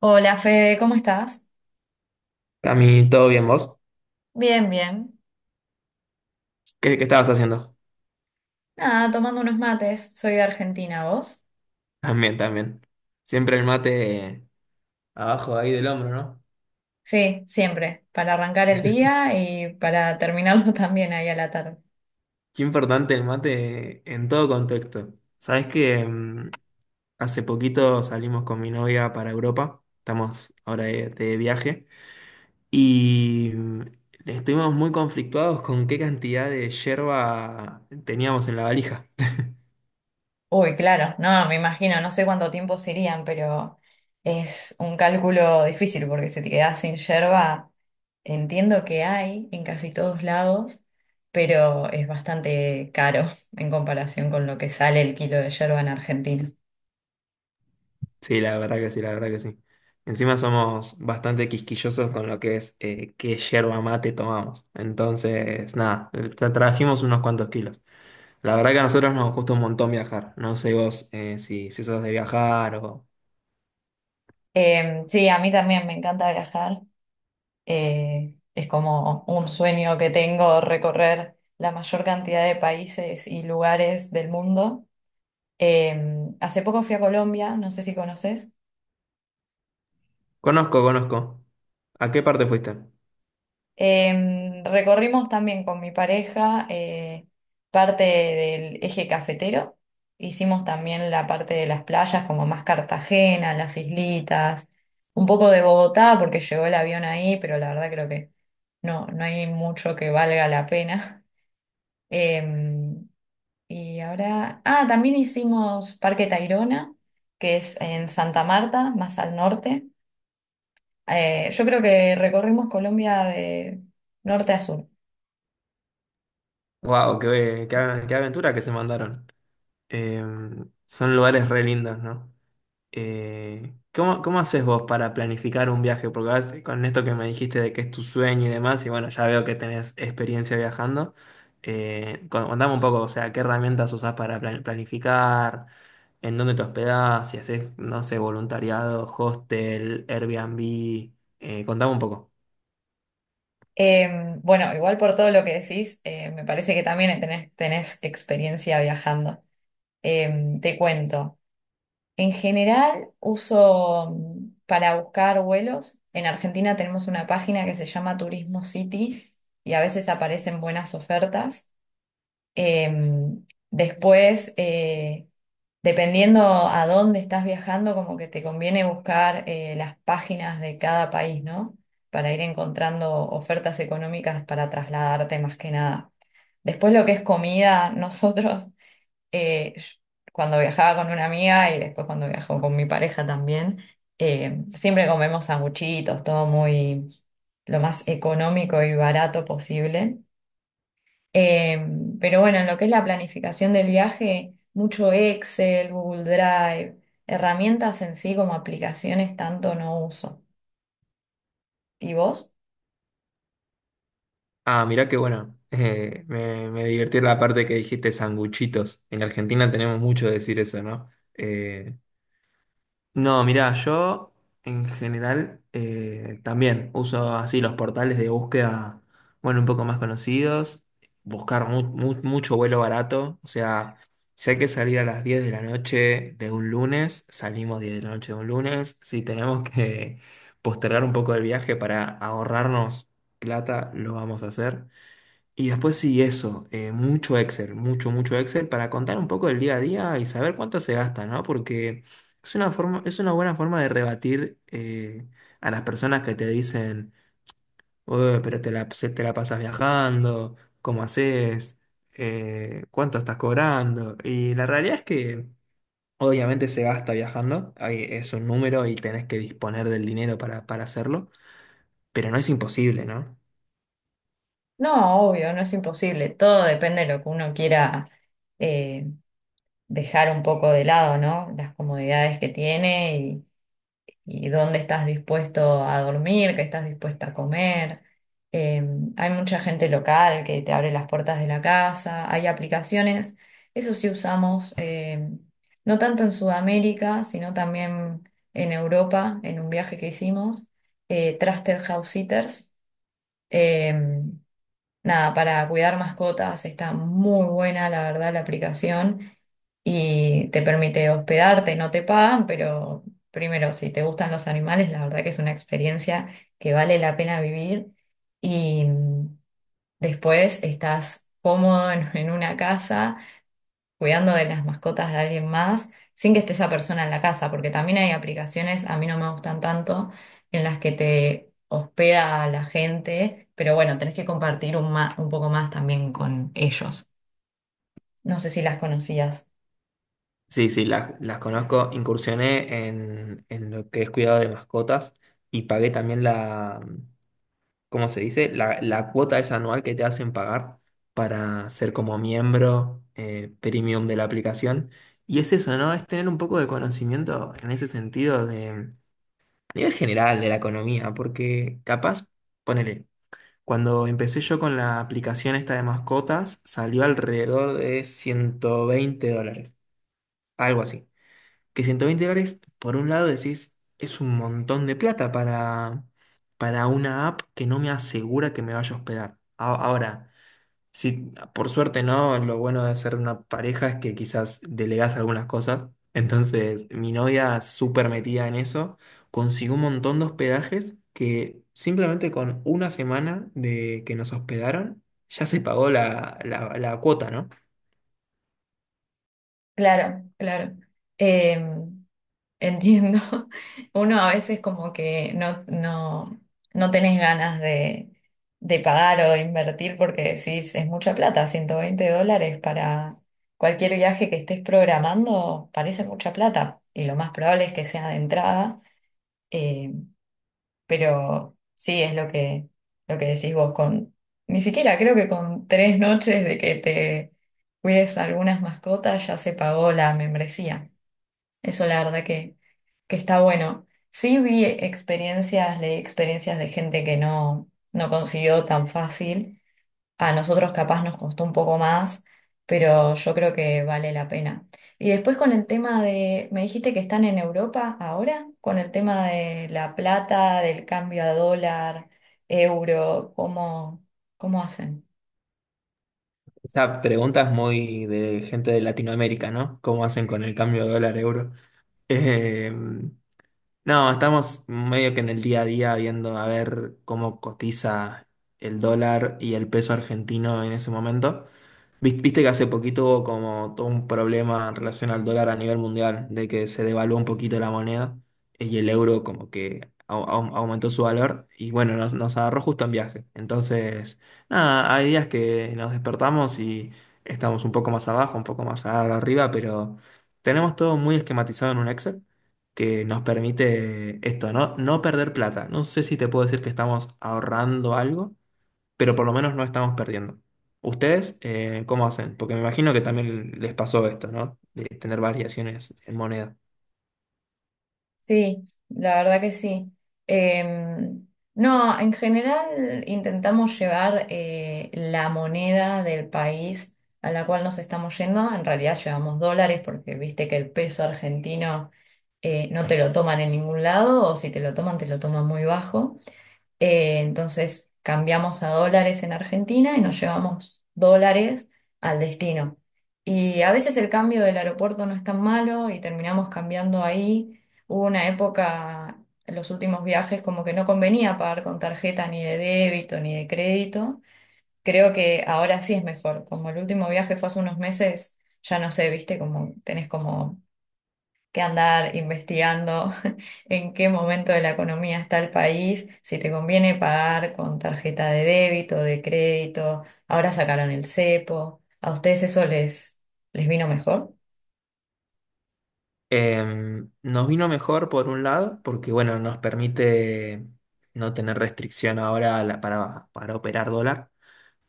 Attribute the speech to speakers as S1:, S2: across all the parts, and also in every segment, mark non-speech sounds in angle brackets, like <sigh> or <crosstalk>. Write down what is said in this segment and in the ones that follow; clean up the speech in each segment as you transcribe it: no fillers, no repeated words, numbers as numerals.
S1: Hola Fede, ¿cómo estás?
S2: A mí, ¿todo bien vos?
S1: Bien, bien.
S2: ¿Qué estabas haciendo?
S1: Nada, tomando unos mates. Soy de Argentina, ¿vos?
S2: También, también. Siempre el mate abajo ahí del hombro, ¿no?
S1: Sí, siempre. Para arrancar el día y para terminarlo <laughs> también ahí a la tarde.
S2: Qué importante el mate en todo contexto. Sabés que hace poquito salimos con mi novia para Europa. Estamos ahora de viaje. Y mm, Estuvimos muy conflictuados con qué cantidad de yerba teníamos en la valija.
S1: Uy, claro, no, me imagino, no sé cuánto tiempo serían, pero es un cálculo difícil porque si te quedás sin yerba, entiendo que hay en casi todos lados, pero es bastante caro <laughs> en comparación con lo que sale el kilo de yerba en Argentina.
S2: Sí, la verdad que sí, la verdad que sí. Encima somos bastante quisquillosos con lo que es qué yerba mate tomamos. Entonces, nada, trajimos unos cuantos kilos. La verdad que a nosotros nos gusta un montón viajar. No sé vos si sos de viajar o...
S1: Sí, a mí también me encanta viajar. Es como un sueño que tengo recorrer la mayor cantidad de países y lugares del mundo. Hace poco fui a Colombia, no sé si conoces.
S2: Conozco, conozco. ¿A qué parte fuiste?
S1: Recorrimos también con mi pareja parte del eje cafetero. Hicimos también la parte de las playas, como más Cartagena, las islitas, un poco de Bogotá, porque llegó el avión ahí, pero la verdad creo que no hay mucho que valga la pena. <laughs> Em, Y ahora, ah, también hicimos Parque Tayrona, que es en Santa Marta, más al norte. Yo creo que recorrimos Colombia de norte a sur.
S2: Wow, qué aventura que se mandaron. Eh, son lugares re lindos, ¿no? ¿Cómo haces vos para planificar un viaje? Porque ahora con esto que me dijiste de que es tu sueño y demás, y bueno, ya veo que tenés experiencia viajando, contame un poco, o sea, ¿qué herramientas usás para planificar? ¿En dónde te hospedás? Si haces, no sé, voluntariado, hostel, Airbnb, contame un poco.
S1: Eh, bueno, igual por todo lo que decís, me parece que también tenés experiencia viajando. Te cuento. En general, uso mm, para buscar vuelos. En Argentina tenemos una página que se llama Turismo City y a veces aparecen buenas ofertas. Después, dependiendo a dónde estás viajando, como que te conviene buscar las páginas de cada país, ¿no? Para ir encontrando ofertas económicas para trasladarte más que nada. Después lo que es comida, <laughs> nosotros, eh, yo- cuando viajaba con una amiga y después cuando viajo con mi pareja también, siempre comemos sanguchitos, todo muy lo más económico y barato posible. Eh, pero bueno, en lo que es la planificación del viaje, mucho Excel, Google Drive, herramientas en sí como aplicaciones tanto no uso. ¿Y vos?
S2: Ah, mirá qué bueno, <laughs> me divirtió la parte que dijiste sanguchitos. En Argentina tenemos mucho de decir eso, ¿no? No, mirá, yo en general también uso así los portales de búsqueda, bueno, un poco más conocidos, buscar mucho vuelo barato, o sea, si hay que salir a las 10 de la noche de un lunes, salimos 10 de la noche de un lunes, si tenemos <laughs> que postergar un poco el viaje para ahorrarnos plata, lo vamos a hacer. Y después sí, eso, mucho Excel, mucho Excel para contar un poco del día a día y saber cuánto se gasta, ¿no? Porque es una forma, es una buena forma de rebatir a las personas que te dicen: "Ué, pero te la pasas viajando, ¿cómo haces? ¿Cuánto estás cobrando?". Y la realidad es que obviamente se gasta viajando, es un número y tenés que disponer del dinero para hacerlo, pero no es imposible, ¿no?
S1: No, obvio, no es imposible. Todo depende de lo que uno quiera eh, dejar un poco de lado, ¿no? Las comodidades que tiene y dónde estás dispuesto a dormir, qué estás dispuesta a comer. Eh, Hay mucha gente local que te abre las puertas de la casa, hay aplicaciones, eso sí usamos, no tanto en Sudamérica, sino también en Europa, en un viaje que hicimos, Trusted House Sitters. eh, Nada, para cuidar mascotas está muy buena, la verdad, la aplicación y te permite hospedarte, no te pagan, pero primero, si te gustan los animales, la verdad que es una experiencia que vale la pena vivir y después estás cómodo en, <laughs> en una casa cuidando de las mascotas de alguien más sin que esté esa persona en la casa, porque también hay aplicaciones, a mí no me gustan tanto, en las que te hospeda a la gente, pero bueno, tenés que compartir un, un poco más también con ellos. No sé si las conocías.
S2: Sí, sí, las conozco. Incursioné en lo que es cuidado de mascotas y pagué también la, ¿cómo se dice? La cuota es anual que te hacen pagar para ser como miembro premium de la aplicación. Y es eso, ¿no? Es tener un poco de conocimiento en ese sentido de, a nivel general de la economía, porque capaz, ponele, cuando empecé yo con la aplicación esta de mascotas, salió alrededor de 120 dólares, algo así que 120 dólares, por un lado decís, es un montón de plata para una app que no me asegura que me vaya a hospedar. Ahora, si por suerte no, lo bueno de ser una pareja es que quizás delegás algunas cosas. Entonces, mi novia, súper metida en eso, consiguió un montón de hospedajes que simplemente con una semana de que nos hospedaron, ya se pagó la, la cuota, ¿no?
S1: Claro, claro. Em, Entiendo. <laughs> Uno a veces como que no tenés ganas de pagar o de invertir porque decís, es mucha plata, 120 dólares para cualquier viaje que estés programando, parece mucha plata. Y lo más probable es que sea de entrada. em, pero sí, es lo que decís vos con, ni siquiera creo que con tres noches de que te cuides algunas mascotas ya se pagó la membresía. Eso la verdad que está bueno. Sí vi experiencias, leí experiencias de gente que no consiguió tan fácil. A nosotros capaz nos costó un poco más, pero yo creo que vale la pena. Y después con el tema de, me dijiste que están en Europa ahora, con el tema de la plata, del cambio a dólar, euro, ¿cómo, cómo hacen?
S2: Esa pregunta es muy de gente de Latinoamérica, ¿no? ¿Cómo hacen con el cambio de dólar-euro? Em, no, estamos medio que en el día a día viendo a ver cómo cotiza el dólar y el peso argentino en ese momento. Viste que hace poquito hubo como todo un problema en relación al dólar a nivel mundial, de que se devaluó un poquito la moneda y el euro como que aumentó su valor y bueno, nos agarró justo en viaje. Entonces, nada, hay días que nos despertamos y estamos un poco más abajo, un poco más arriba, pero tenemos todo muy esquematizado en un Excel que nos permite esto, ¿no? No perder plata. No sé si te puedo decir que estamos ahorrando algo, pero por lo menos no estamos perdiendo. ¿Ustedes cómo hacen? Porque me imagino que también les pasó esto, ¿no? De tener variaciones en moneda.
S1: Sí, la verdad que sí. Eh, no, en general intentamos llevar la moneda del país a la cual nos estamos yendo. En realidad llevamos dólares porque viste que el peso argentino no te lo toman en ningún lado o si te lo toman te lo toman muy bajo. Entonces cambiamos a dólares en Argentina y nos llevamos dólares al destino. Y a veces el cambio del aeropuerto no es tan malo y terminamos cambiando ahí. Hubo una época, en los últimos viajes, como que no convenía pagar con tarjeta ni de débito ni de crédito. Creo que ahora sí es mejor. Como el último viaje fue hace unos meses, ya no sé, viste, como tenés como que andar investigando <laughs> en qué momento de la economía está el país, si te conviene pagar con tarjeta de débito, de crédito, ahora sacaron el cepo, ¿a ustedes eso les, les vino mejor?
S2: Nos vino mejor por un lado, porque bueno, nos permite no tener restricción ahora a para operar dólar.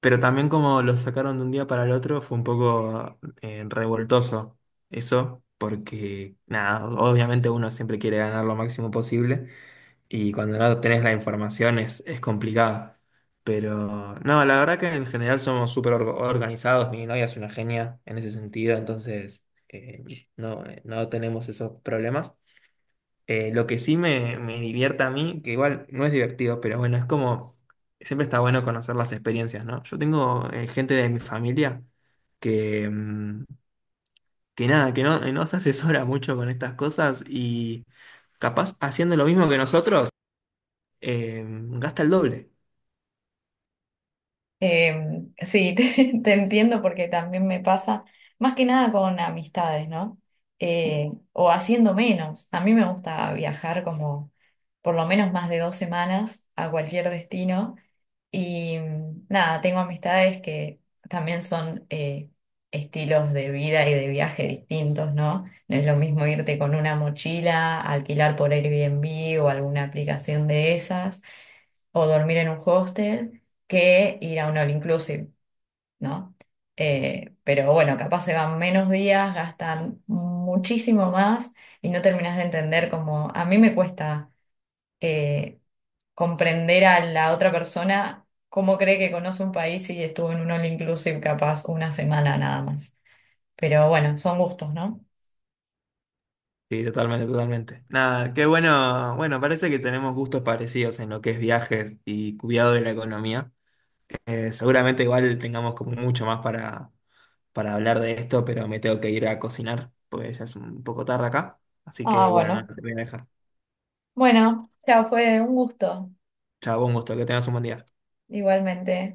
S2: Pero también como lo sacaron de un día para el otro fue un poco revoltoso eso, porque nada, obviamente uno siempre quiere ganar lo máximo posible y cuando no tenés la información es complicado. Pero no, la verdad que en general somos súper organizados, mi novia es una genia en ese sentido, entonces no tenemos esos problemas. Lo que sí me divierte a mí, que igual no es divertido, pero bueno, es como, siempre está bueno conocer las experiencias, ¿no? Yo tengo gente de mi familia que, mm, que nada, que no se asesora mucho con estas cosas y capaz haciendo lo mismo que nosotros, eh, gasta el doble.
S1: Sí, <laughs> te entiendo porque también me pasa, más que nada con amistades, ¿no? O haciendo menos. A mí me gusta viajar como por lo menos más de 2 semanas a cualquier destino. Y nada, tengo amistades que también son estilos de vida y de viaje distintos, ¿no? No es lo mismo irte con una mochila, alquilar por Airbnb o alguna aplicación de esas, o dormir en un hostel, que ir a un all inclusive, ¿no? Pero bueno, capaz se van menos días, gastan muchísimo más y no terminas de entender cómo a mí me cuesta. eh, Comprender a la otra persona cómo cree que conoce un país y estuvo en un all inclusive capaz una semana nada más. Pero bueno, son gustos, ¿no?
S2: Sí, totalmente, totalmente. Nada, qué bueno, bueno, parece que tenemos gustos parecidos en lo que es viajes y cuidado de la economía. Seguramente igual tengamos como mucho más para hablar de esto, pero me tengo que ir a cocinar, porque ya es un poco tarde acá. Así
S1: Ah,
S2: que bueno, nada,
S1: bueno.
S2: te voy a dejar.
S1: Bueno, ya fue un gusto,
S2: Chao, un gusto, que tengas un buen día.
S1: igualmente.